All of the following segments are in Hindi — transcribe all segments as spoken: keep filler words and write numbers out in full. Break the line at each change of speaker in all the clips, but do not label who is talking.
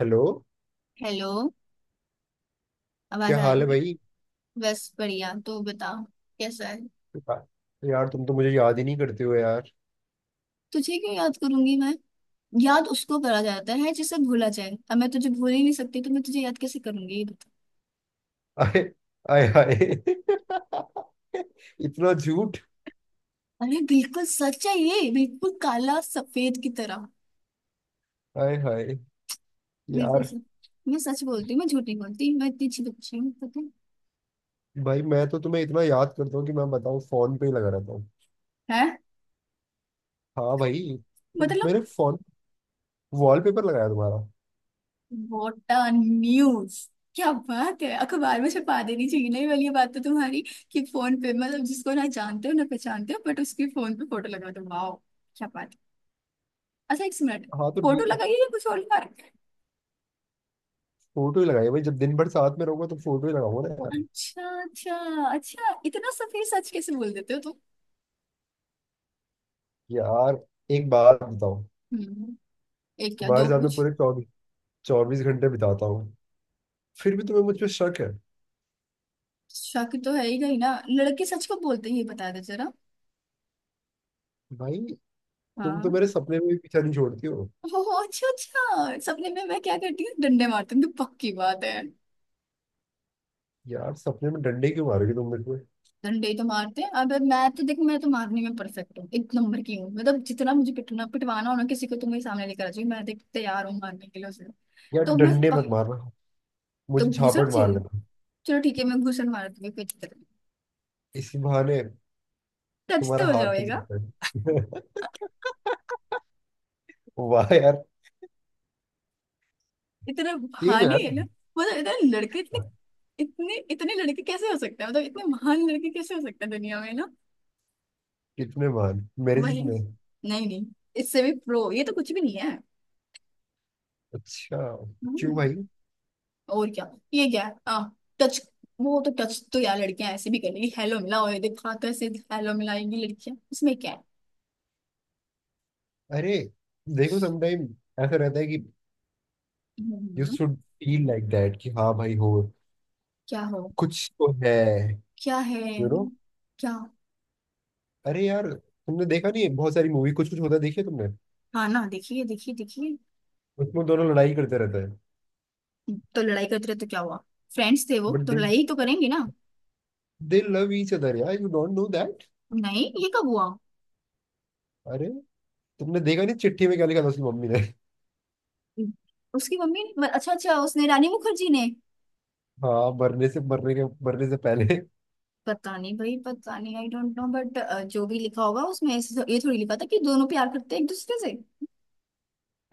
हेलो।
हेलो। आवाज
क्या
आ
हाल
रही
है
है।
भाई?
बस बढ़िया, तू बता, कैसा है।
यार यार, तुम तो मुझे याद ही नहीं करते हो यार।
तुझे क्यों याद करूंगी मैं? याद उसको करा जाता है जिसे भूला जाए। अब मैं तुझे भूल ही नहीं सकती, तो मैं तुझे याद कैसे करूंगी ये बता।
आए, आए हाय। इतना झूठ!
अरे बिल्कुल सच है ये, बिल्कुल काला सफेद की तरह।
आए हाय!
बिल्कुल
यार,
सच। मैं सच बोलती हूँ, मैं झूठ नहीं बोलती, मैं इतनी अच्छी बच्ची हूँ, पता
भाई मैं तो तुम्हें इतना याद करता हूँ कि मैं बताऊँ, फोन पे ही लगा रहता हूँ।
है? हैं?
हाँ भाई, तुम-
मतलब?
मैंने फोन वॉलपेपर लगाया तुम्हारा।
वोटा न्यूज। क्या बात है, अखबार में छपा देनी चाहिए। नहीं वाली ये बात तो तुम्हारी, कि फोन पे मतलब जिसको ना जानते हो ना पहचानते हो, बट उसके फोन पे फोटो लगा दो। वाओ, क्या बात है। अच्छा एक मिनट,
हाँ तो
फोटो लगाइए या कुछ और लगा रखा है?
फोटो ही लगाई भाई, जब दिन भर साथ में रहूंगा तो फोटो ही लगाऊंगा ना यार।
अच्छा अच्छा। अच्छा इतना सफेद सच कैसे बोल देते हो तुम?
यार, एक बात बताओ।
हम्म। एक क्या,
तुम्हारे
दो
साथ में
पूछ।
पूरे चौबीस चौबीस घंटे बिताता हूँ, फिर भी तुम्हें मुझ पर शक है।
शक तो है ही नहीं ना, लड़के सच को बोलते ही, बता दे जरा।
भाई, तुम तो
हाँ।
मेरे सपने में भी पीछा नहीं छोड़ती हो।
ओह अच्छा अच्छा, सपने में मैं क्या करती हूँ, डंडे मारती हूँ, तो पक्की बात है।
यार, सपने में डंडे क्यों मारोगी तुम मेरे को?
डंडे तो मारते हैं, अब मैं तो, देख, मैं तो मारने में परफेक्ट हूँ, एक नंबर की हूँ। मतलब जितना मुझे पिटना पिटवाना हो ना किसी को, तो मेरे सामने लेकर आ जाओ। मैं, देख, तैयार हूँ मारने के लिए उसे।
यार,
तो मैं
डंडे मत
पक
मारना,
तो
मुझे
घूसन
झापट मार
चाहिए।
लेना।
चलो ठीक है, मैं घूसन मार दूंगी, कोई दिक्कत
इसी बहाने
नहीं, टच तो
तुम्हारा
हो
हाथ तो
जाएगा।
दिखता है। वाह यार,
इतना
तेज हो
बहाने
यार
है ना।
तुम।
मतलब इतने लड़के, इतने इतने इतने लड़के कैसे हो सकते हैं, मतलब इतने महान लड़के कैसे हो सकते हैं दुनिया में ना।
कितने मान? मेरे
वही,
जितने?
नहीं नहीं, इससे भी प्रो, ये तो कुछ भी नहीं है।
अच्छा, क्यों
हम्म।
भाई?
और क्या। ये क्या है, हाँ टच? वो तो टच तो यार लड़कियां ऐसे भी कर लेगी, हेलो मिला और देखा कैसे। हेलो मिलाएंगी लड़कियां, इसमें क्या है।
अरे देखो, समटाइम ऐसा रहता है कि you
hmm,
should feel like that, कि हाँ भाई, हो
क्या हो?
कुछ तो है।
क्या है?
यू नो
क्या?
अरे यार, तुमने देखा नहीं है, बहुत सारी मूवी। कुछ कुछ होता है, देखी है तुमने?
हाँ ना, देखिए देखिए देखिए।
उसमें दोनों लड़ाई करते रहते हैं।
तो लड़ाई करते रहे तो क्या हुआ, फ्रेंड्स थे वो
बट
तो,
दे
लड़ाई तो करेंगे ना।
दे लव ईच अदर यार, यू डोंट नो दैट।
नहीं ये कब हुआ?
अरे तुमने देखा नहीं, चिट्ठी में क्या लिखा था उसकी मम्मी ने?
उसकी मम्मी ने- अच्छा अच्छा, उसने, रानी मुखर्जी ने।
हाँ, मरने से मरने के मरने से पहले।
पता नहीं भाई, पता नहीं, आई डोंट नो, बट जो भी लिखा होगा उसमें ऐसे- ये थोड़ी लिखा था कि दोनों प्यार करते हैं एक दूसरे से।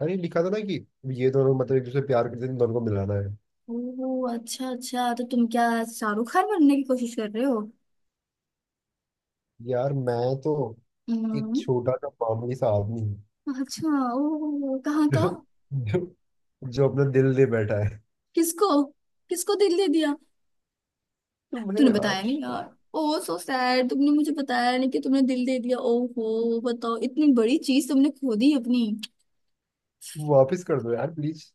अरे लिखा था ना कि ये दोनों, मतलब एक दूसरे से प्यार करते थे, इन दोनों को मिलाना है।
ओह अच्छा अच्छा, तो तुम क्या शाहरुख खान बनने की कोशिश कर रहे हो?
यार, मैं तो एक
हम्म।
छोटा सा मामूली सा आदमी हूँ
अच्छा ओह, कहाँ का?
जो, जो, जो अपना दिल दे बैठा है।
किसको, किसको दिल दे दिया?
तुम्हें
तूने बताया
यार,
नहीं यार। ओह सो सैड, तुमने मुझे बताया नहीं कि तुमने दिल दे दिया। ओहो, बताओ, इतनी बड़ी चीज तुमने खो दी अपनी।
वापस कर दो यार प्लीज।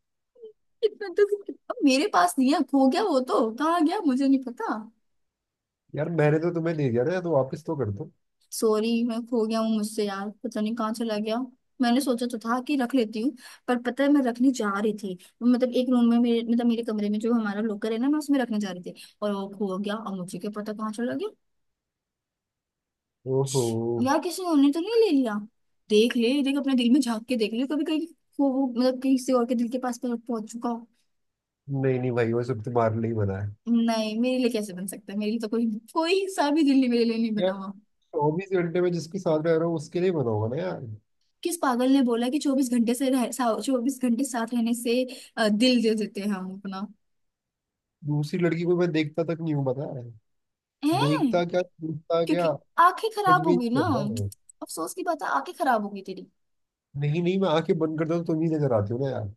इतना तो, अब मेरे पास नहीं है, खो गया वो, तो कहाँ गया मुझे नहीं पता।
यार, मैंने तो तुम्हें दे दिया ना यार, तो वापस तो कर दो।
सॉरी, मैं खो गया हूँ मुझसे, यार पता नहीं कहाँ चला गया। मैंने सोचा तो था कि रख लेती हूँ, पर पता है मैं रखने जा रही थी। मतलब एक रूम में मेरे, मतलब मेरे कमरे में जो हमारा लॉकर है ना, मैं उसमें रखने जा रही थी, और वो खो गया, और मुझे क्या पता कहाँ चला गया।
ओहो।
छी, यार किसी और ने तो नहीं ले लिया? देख ले, देख, अपने दिल में झांक के देख ले, कभी कहीं खो वो, मतलब किसी और के दिल के पास पहुंच पहुंच चुका हो।
नहीं नहीं भाई, वो सब तुम्हारे लिए ही बना है।
नहीं मेरे लिए कैसे बन सकता है, मेरे लिए तो कोई, कोई सा भी दिल नहीं, मेरे लिए नहीं बना हुआ।
चौबीस घंटे में जिसके साथ रह रहा हूँ उसके लिए बना होगा ना यार।
किस पागल ने बोला कि चौबीस घंटे से रह, चौबीस घंटे साथ रहने से अ, दिल दे देते हैं हम अपना।
दूसरी लड़की को मैं देखता तक नहीं हूँ, पता है?
हैं?
देखता क्या, देखता क्या?
क्योंकि आंखें
कुछ
खराब
भी नहीं
होगी ना।
करता मैं।
अफसोस की बात है, आंखें खराब होगी तेरी।
नहीं नहीं, मैं आंखें बंद करता हूँ तो तुम ही नजर आती हो ना यार।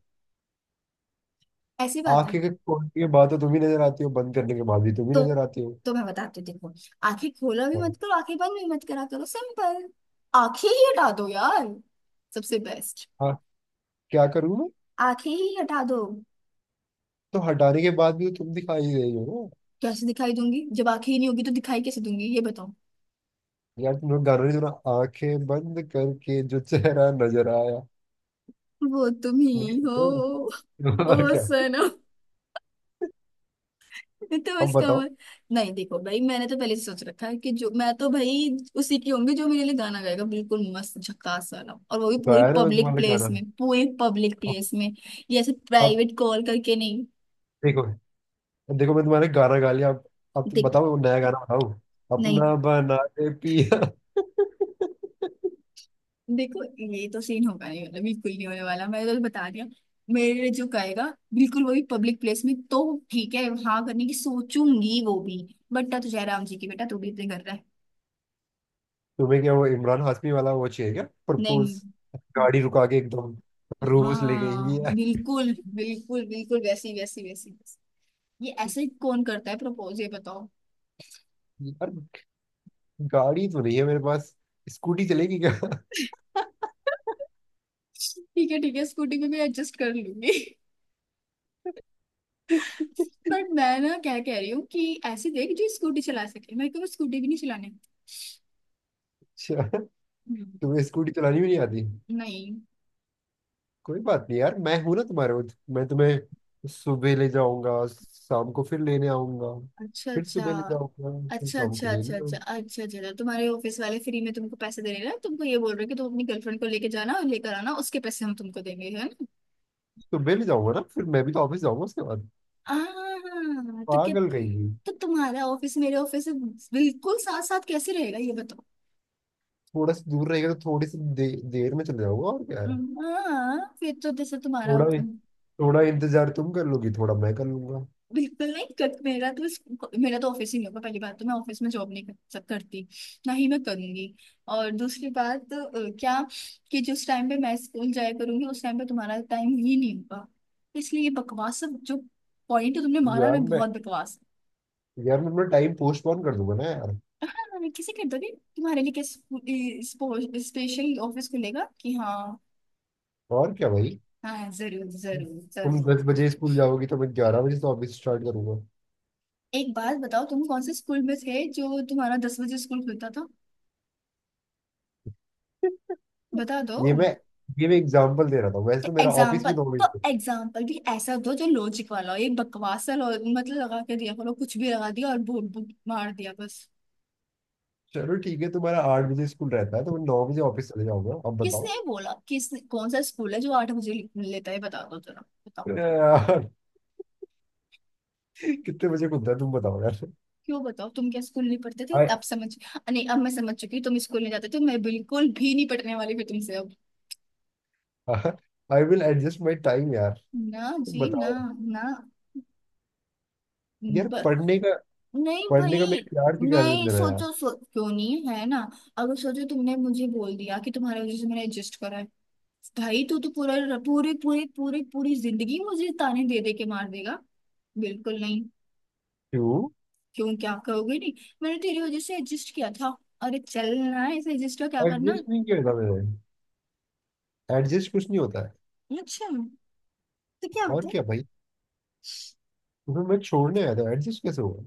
ऐसी बात है।
आंखें के खोलने के बाद तो तुम ही नजर आती हो, बंद करने के बाद भी तुम ही
तो
नजर आती हो।
तो मैं बताती हूँ, देखो, आंखें खोला भी
हाँ।
मत करो, आंखें बंद भी मत करा करो, सिंपल, आंखें ही हटा दो यार, सबसे बेस्ट।
हाँ, क्या करूँ मैं?
आंखें ही हटा दो।
तो हटाने के बाद भी तो तुम दिखाई दे रही हो ना।
कैसे दिखाई दूंगी, जब आंखें ही नहीं होगी तो दिखाई कैसे दूंगी ये बताओ।
यार, तुम लोग गाना नहीं सुना, आंखें बंद करके जो चेहरा नजर आया?
वो तुम
नहीं,
ही
सुनते
हो,
हो?
ओ
और क्या।
सनम। तो
अब
इसका
बताओ।
वो- नहीं देखो भाई, मैंने तो पहले से सोच रखा है कि जो मैं तो भाई उसी की होंगी जो मेरे लिए गाना गाएगा, बिल्कुल मस्त झकास वाला, और वो भी पूरी
गाया ना मैं
पब्लिक
तुम्हारा
प्लेस
गाना।
में, पूरी पब्लिक
अब
प्लेस में। ये ऐसे
अब
प्राइवेट कॉल करके नहीं।
देखो, देखो मैं तुम्हारे गाना गा लिया। अब, अब तुम
देख,
बताओ, नया गाना बताओ।
नहीं
अपना बना के पिया।
देखो, ये तो सीन होगा नहीं, मतलब बिल्कुल नहीं होने वाला, मैंने तो बता दिया। मेरे लिए जो गाएगा, बिल्कुल, वो भी पब्लिक प्लेस में, तो ठीक है हाँ करने की सोचूंगी वो भी। बट तुझे राम जी की, बेटा तू भी इतने कर रहा है।
तुम्हें क्या वो इमरान हाशमी वाला वो चाहिए क्या?
नहीं।
प्रपोज, गाड़ी रुका के एकदम। रोज ले गई
हाँ
है।
बिल्कुल बिल्कुल बिल्कुल, वैसी वैसी वैसी वैसी। ये ऐसे ही कौन करता है प्रपोज ये बताओ।
यार, गाड़ी तो नहीं है मेरे पास, स्कूटी चलेगी क्या?
ठीक है ठीक है, स्कूटी में भी एडजस्ट कर लूंगी। पर मैं ना क्या कह रही हूँ कि ऐसे देख, जो स्कूटी चला सके, मेरे को स्कूटी भी नहीं चलाने।
अच्छा,
हम्म,
तुम्हें स्कूटी चलानी भी नहीं आती?
नहीं।
कोई बात नहीं यार, मैं हूं ना तुम्हारे वो-। मैं तुम्हें सुबह ले जाऊंगा, शाम को फिर लेने आऊंगा,
अच्छा
फिर
अच्छा,
सुबह ले जाऊंगा, फिर
अच्छा
शाम को
अच्छा, अच्छा,
लेने आऊंगा।
अच्छा अच्छा, अच्छा अच्छा। तुम्हारे ऑफिस वाले फ्री में तुमको पैसे दे रहे हैं ना? तुमको ये बोल रहे हैं कि तुम अपनी गर्लफ्रेंड को लेके जाना और लेकर आना, उसके पैसे हम तुमको देंगे, है ना?
तो मैं भी जाऊंगा ना, फिर मैं भी तो ऑफिस जाऊंगा उसके बाद।
आह, तो क्या?
पागल रहेगी।
तो तुम्हारा ऑफिस मेरे ऑफिस से बिल्कुल साथ साथ कैसे रहेगा ये बताओ।
थोड़ा सा दूर रहेगा तो थोड़ी सी दे, देर में चले जाऊंगा, और क्या है।
हम्म, हाँ फिर तो जैसे तुम्हारा,
थोड़ा, थोड़ा इंतजार तुम कर लोगी, थोड़ा मैं कर लूंगा।
बिल्कुल नहीं कर, मेरा तो इस-, मेरा तो ऑफिस ही नहीं होगा। पहली बात तो मैं ऑफिस में जॉब नहीं कर, सक- करती, ना ही मैं करूंगी। और दूसरी बात अ, क्या, कि जिस टाइम पे मैं स्कूल जाया करूंगी उस टाइम पे तुम्हारा टाइम ही नहीं होगा। इसलिए ये बकवास सब जो पॉइंट तुमने मारा ना,
यार मैं
बहुत बकवास है।
यार, मैं अपना टाइम पोस्टपोन कर दूंगा ना यार।
मैंने किसी के दोगे, तुम्हारे लिए क्या स्पेशल ऑफिस खुलेगा कि हाँ?
और क्या भाई।
हाँ जरूर जरूर
तुम
जरूर।
दस बजे स्कूल जाओगी तो मैं ग्यारह बजे से ऑफिस स्टार्ट करूंगा।
एक बात बताओ, तुम कौन से स्कूल में थे जो तुम्हारा दस बजे स्कूल खुलता था? बता दो।
ये मैं ये मैं एग्जाम्पल दे रहा था, वैसे
तो
तो मेरा ऑफिस
एग्जाम्पल,
भी नौ बजे
तो
से-।
एग्जाम्पल भी ऐसा दो जो लॉजिक वाला हो। ये बकवास सा lo- मतलब लगा के दिया करो, कुछ भी लगा दिया और बोल बोल- मार दिया बस।
चलो ठीक है, तुम्हारा आठ बजे स्कूल रहता है तो मैं नौ बजे ऑफिस चले जाऊंगा, अब बताओ।
किसने बोला? किस, कौन सा स्कूल है जो आठ बजे ले- लेता है बता दो जरा। बताओ।
यार कितने बजे खुलता है तुम बताओ यार।
क्यों बताओ? तुम क्या स्कूल नहीं पढ़ते थे? अब समझ, नहीं अब मैं समझ चुकी हूँ तुम स्कूल नहीं जाते थे। मैं बिल्कुल भी नहीं पढ़ने वाली फिर तुमसे अब।
आई विल एडजस्ट माई टाइम यार,
ना
तुम
जी ना।
बताओ। यार
ना।
पढ़ने का
नहीं
पढ़ने का
भाई।
मेरे प्यार की क्या दिन
नहीं
है यार।
सोचो, सो क्यों नहीं है ना। अगर सोचो, तुमने मुझे बोल दिया कि तुम्हारी वजह से मैंने एडजस्ट करा है, भाई तू तो तू पूरा, पूरी पूरी पूरी पूरी जिंदगी मुझे ताने दे दे के मार देगा। बिल्कुल नहीं।
क्यों?
क्यों क्या कहोगे? नहीं, मैंने तेरी वजह से एडजस्ट किया था, अरे चलना है इसे, एडजस्ट का क्या करना है?
एडजस्ट नहीं किया था मैंने, एडजस्ट कुछ नहीं होता है।
अच्छा, तो क्या
और
होता है?
क्या भाई, तुम्हें मैं छोड़ने आया था, एडजस्ट कैसे हुआ?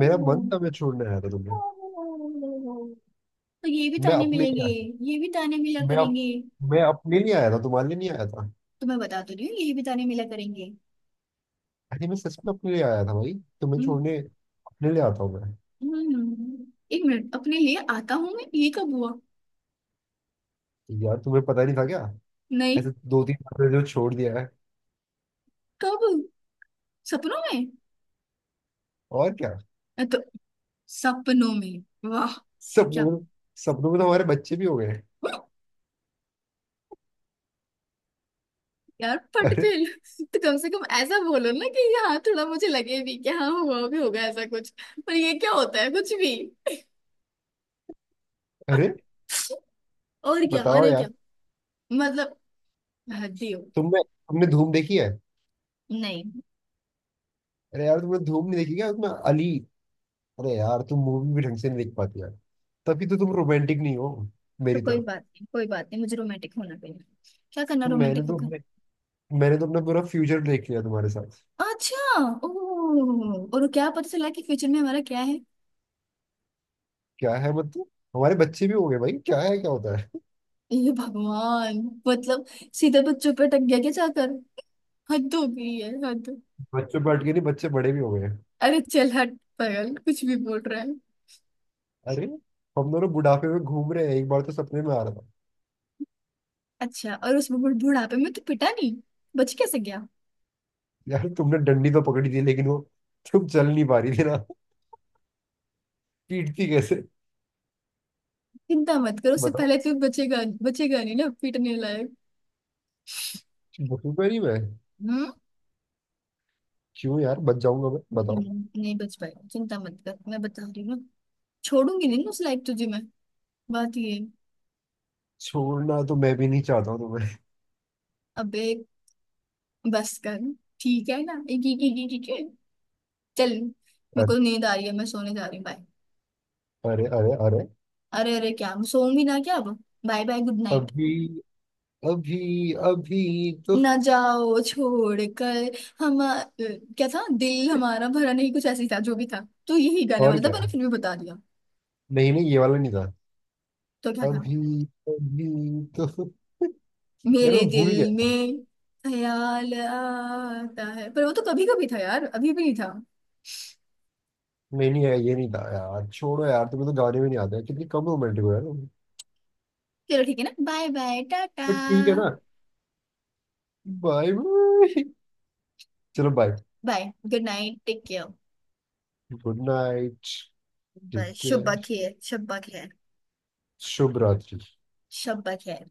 मेरा मन था, मैं छोड़ने आया था तुम्हें।
ओहो। तो ये भी
मैं
ताने
अपने
मिलेंगे।
लिए आया।
ये भी ताने मिला
मैं अप,
करेंगे।
मैं अपने लिए आया था, तुम्हारे लिए नहीं आया था।
तुम्हें बता तो रही हूँ, ये भी ताने मिला करेंगे।
अरे, मैं सच में अपने लिए आया था भाई। तुम्हें
हम्म।
छोड़ने अपने लिए आता हूँ मैं।
हम्म, एक मिनट, अपने लिए आता हूँ मैं, ये कब हुआ?
यार, तुम्हें पता नहीं था क्या?
नहीं।
ऐसे दो तीन बार मैंने जो छोड़ दिया है।
कब? सपनों में?
और क्या।
अ, तो सपनों में। वाह। क्या?
सपनों में। सपनों में तो हमारे बच्चे भी हो गए।
यार पटपेल, तो कम से कम ऐसा बोलो ना कि हाँ थोड़ा मुझे लगे भी कि हाँ हुआ भी होगा ऐसा कुछ। पर ये क्या होता है कुछ भी।
अरे
और क्या
बताओ
अरे क्या?
यार,
मतलब, हद ही हो।
तुमने तुमने धूम देखी है?
नहीं,
अरे यार, तुमने धूम नहीं देखी क्या? उसमें अली। अरे यार, तुम मूवी भी ढंग से नहीं देख पाती यार, तभी तो तुम रोमांटिक नहीं हो
तो
मेरी
कोई
तरह।
बात नहीं, कोई बात नहीं, मुझे रोमांटिक होना पड़ेगा? क्या करना
मैंने
रोमांटिक
तो
होकर?
अपने मैंने तो अपना पूरा फ्यूचर देख लिया तुम्हारे साथ।
अच्छा ओह, और क्या पता चला कि फ्यूचर में हमारा क्या है?
क्या है मतलब, हमारे बच्चे भी हो गए भाई, क्या है, क्या होता है।
हे भगवान, मतलब सीधे बच्चों पे टक गया क्या जाकर, हद हो गई है हद।
बच्चे बैठ के नहीं, बच्चे बड़े भी हो गए हैं।
अरे चल हट पागल, कुछ भी बोल रहा है।
अरे, हम दोनों बुढ़ापे में घूम रहे हैं, एक बार तो सपने में आ रहा था।
अच्छा, और उस बुढ़- बुढ़ापे में तू पिटा नहीं, बच कैसे गया?
यार, तुमने डंडी तो पकड़ी थी, लेकिन वो तुम चल नहीं पा रही थी ना। पीटती कैसे?
चिंता मत करो, उससे
बताओ।
पहले तू बचेगा, बचेगा नहीं ना पीटने लायक।
बखूबा नहीं मैं।
हम्म।
क्यों यार, बच जाऊंगा मैं, बताओ।
हम्म, नहीं बच पाएगा, चिंता मत कर, मैं बता रही हूँ ना। छोड़ूंगी नहीं ना उस लायक तुझे मैं, बात ये है।
छोड़ना तो मैं भी नहीं चाहता हूँ तुम्हें।
अबे बस कर, ठीक है ना, एक एक एक एक एक- एक। चल मेरे
अरे,
को नींद आ रही है, मैं सोने जा रही हूँ, बाय।
अरे, अरे। अरे
अरे अरे क्या, हम सोऊंगी ना क्या अब, बाय बाय, गुड नाइट।
अभी अभी अभी तो।
ना जाओ छोड़ कर हम, अ, क्या था, दिल हमारा भरा नहीं, कुछ ऐसे ही था जो भी था। तो यही गाने
और
वाला था,
क्या।
मैंने फिर भी बता दिया।
नहीं नहीं, ये वाला नहीं था।
तो क्या था?
अभी, अभी तो यार,
मेरे
मैं
दिल
भूल गया।
में ख्याल आता है, पर वो तो कभी कभी था यार, अभी भी नहीं था।
नहीं नहीं, ये नहीं था यार, छोड़ो यार, तुम्हें तो गाने भी नहीं आते हैं। कितनी कम रोमांटिक हो यार तुम।
चलो ठीक है ना, बाय बाय टाटा।
बट ठीक है ना। Bye bye. चलो bye.
Bye. Good night, take care.
Good night.
Bye,
ठीक है।
शुभ खैर, शुभ खैर,
शुभ रात्रि।
शुभ खैर।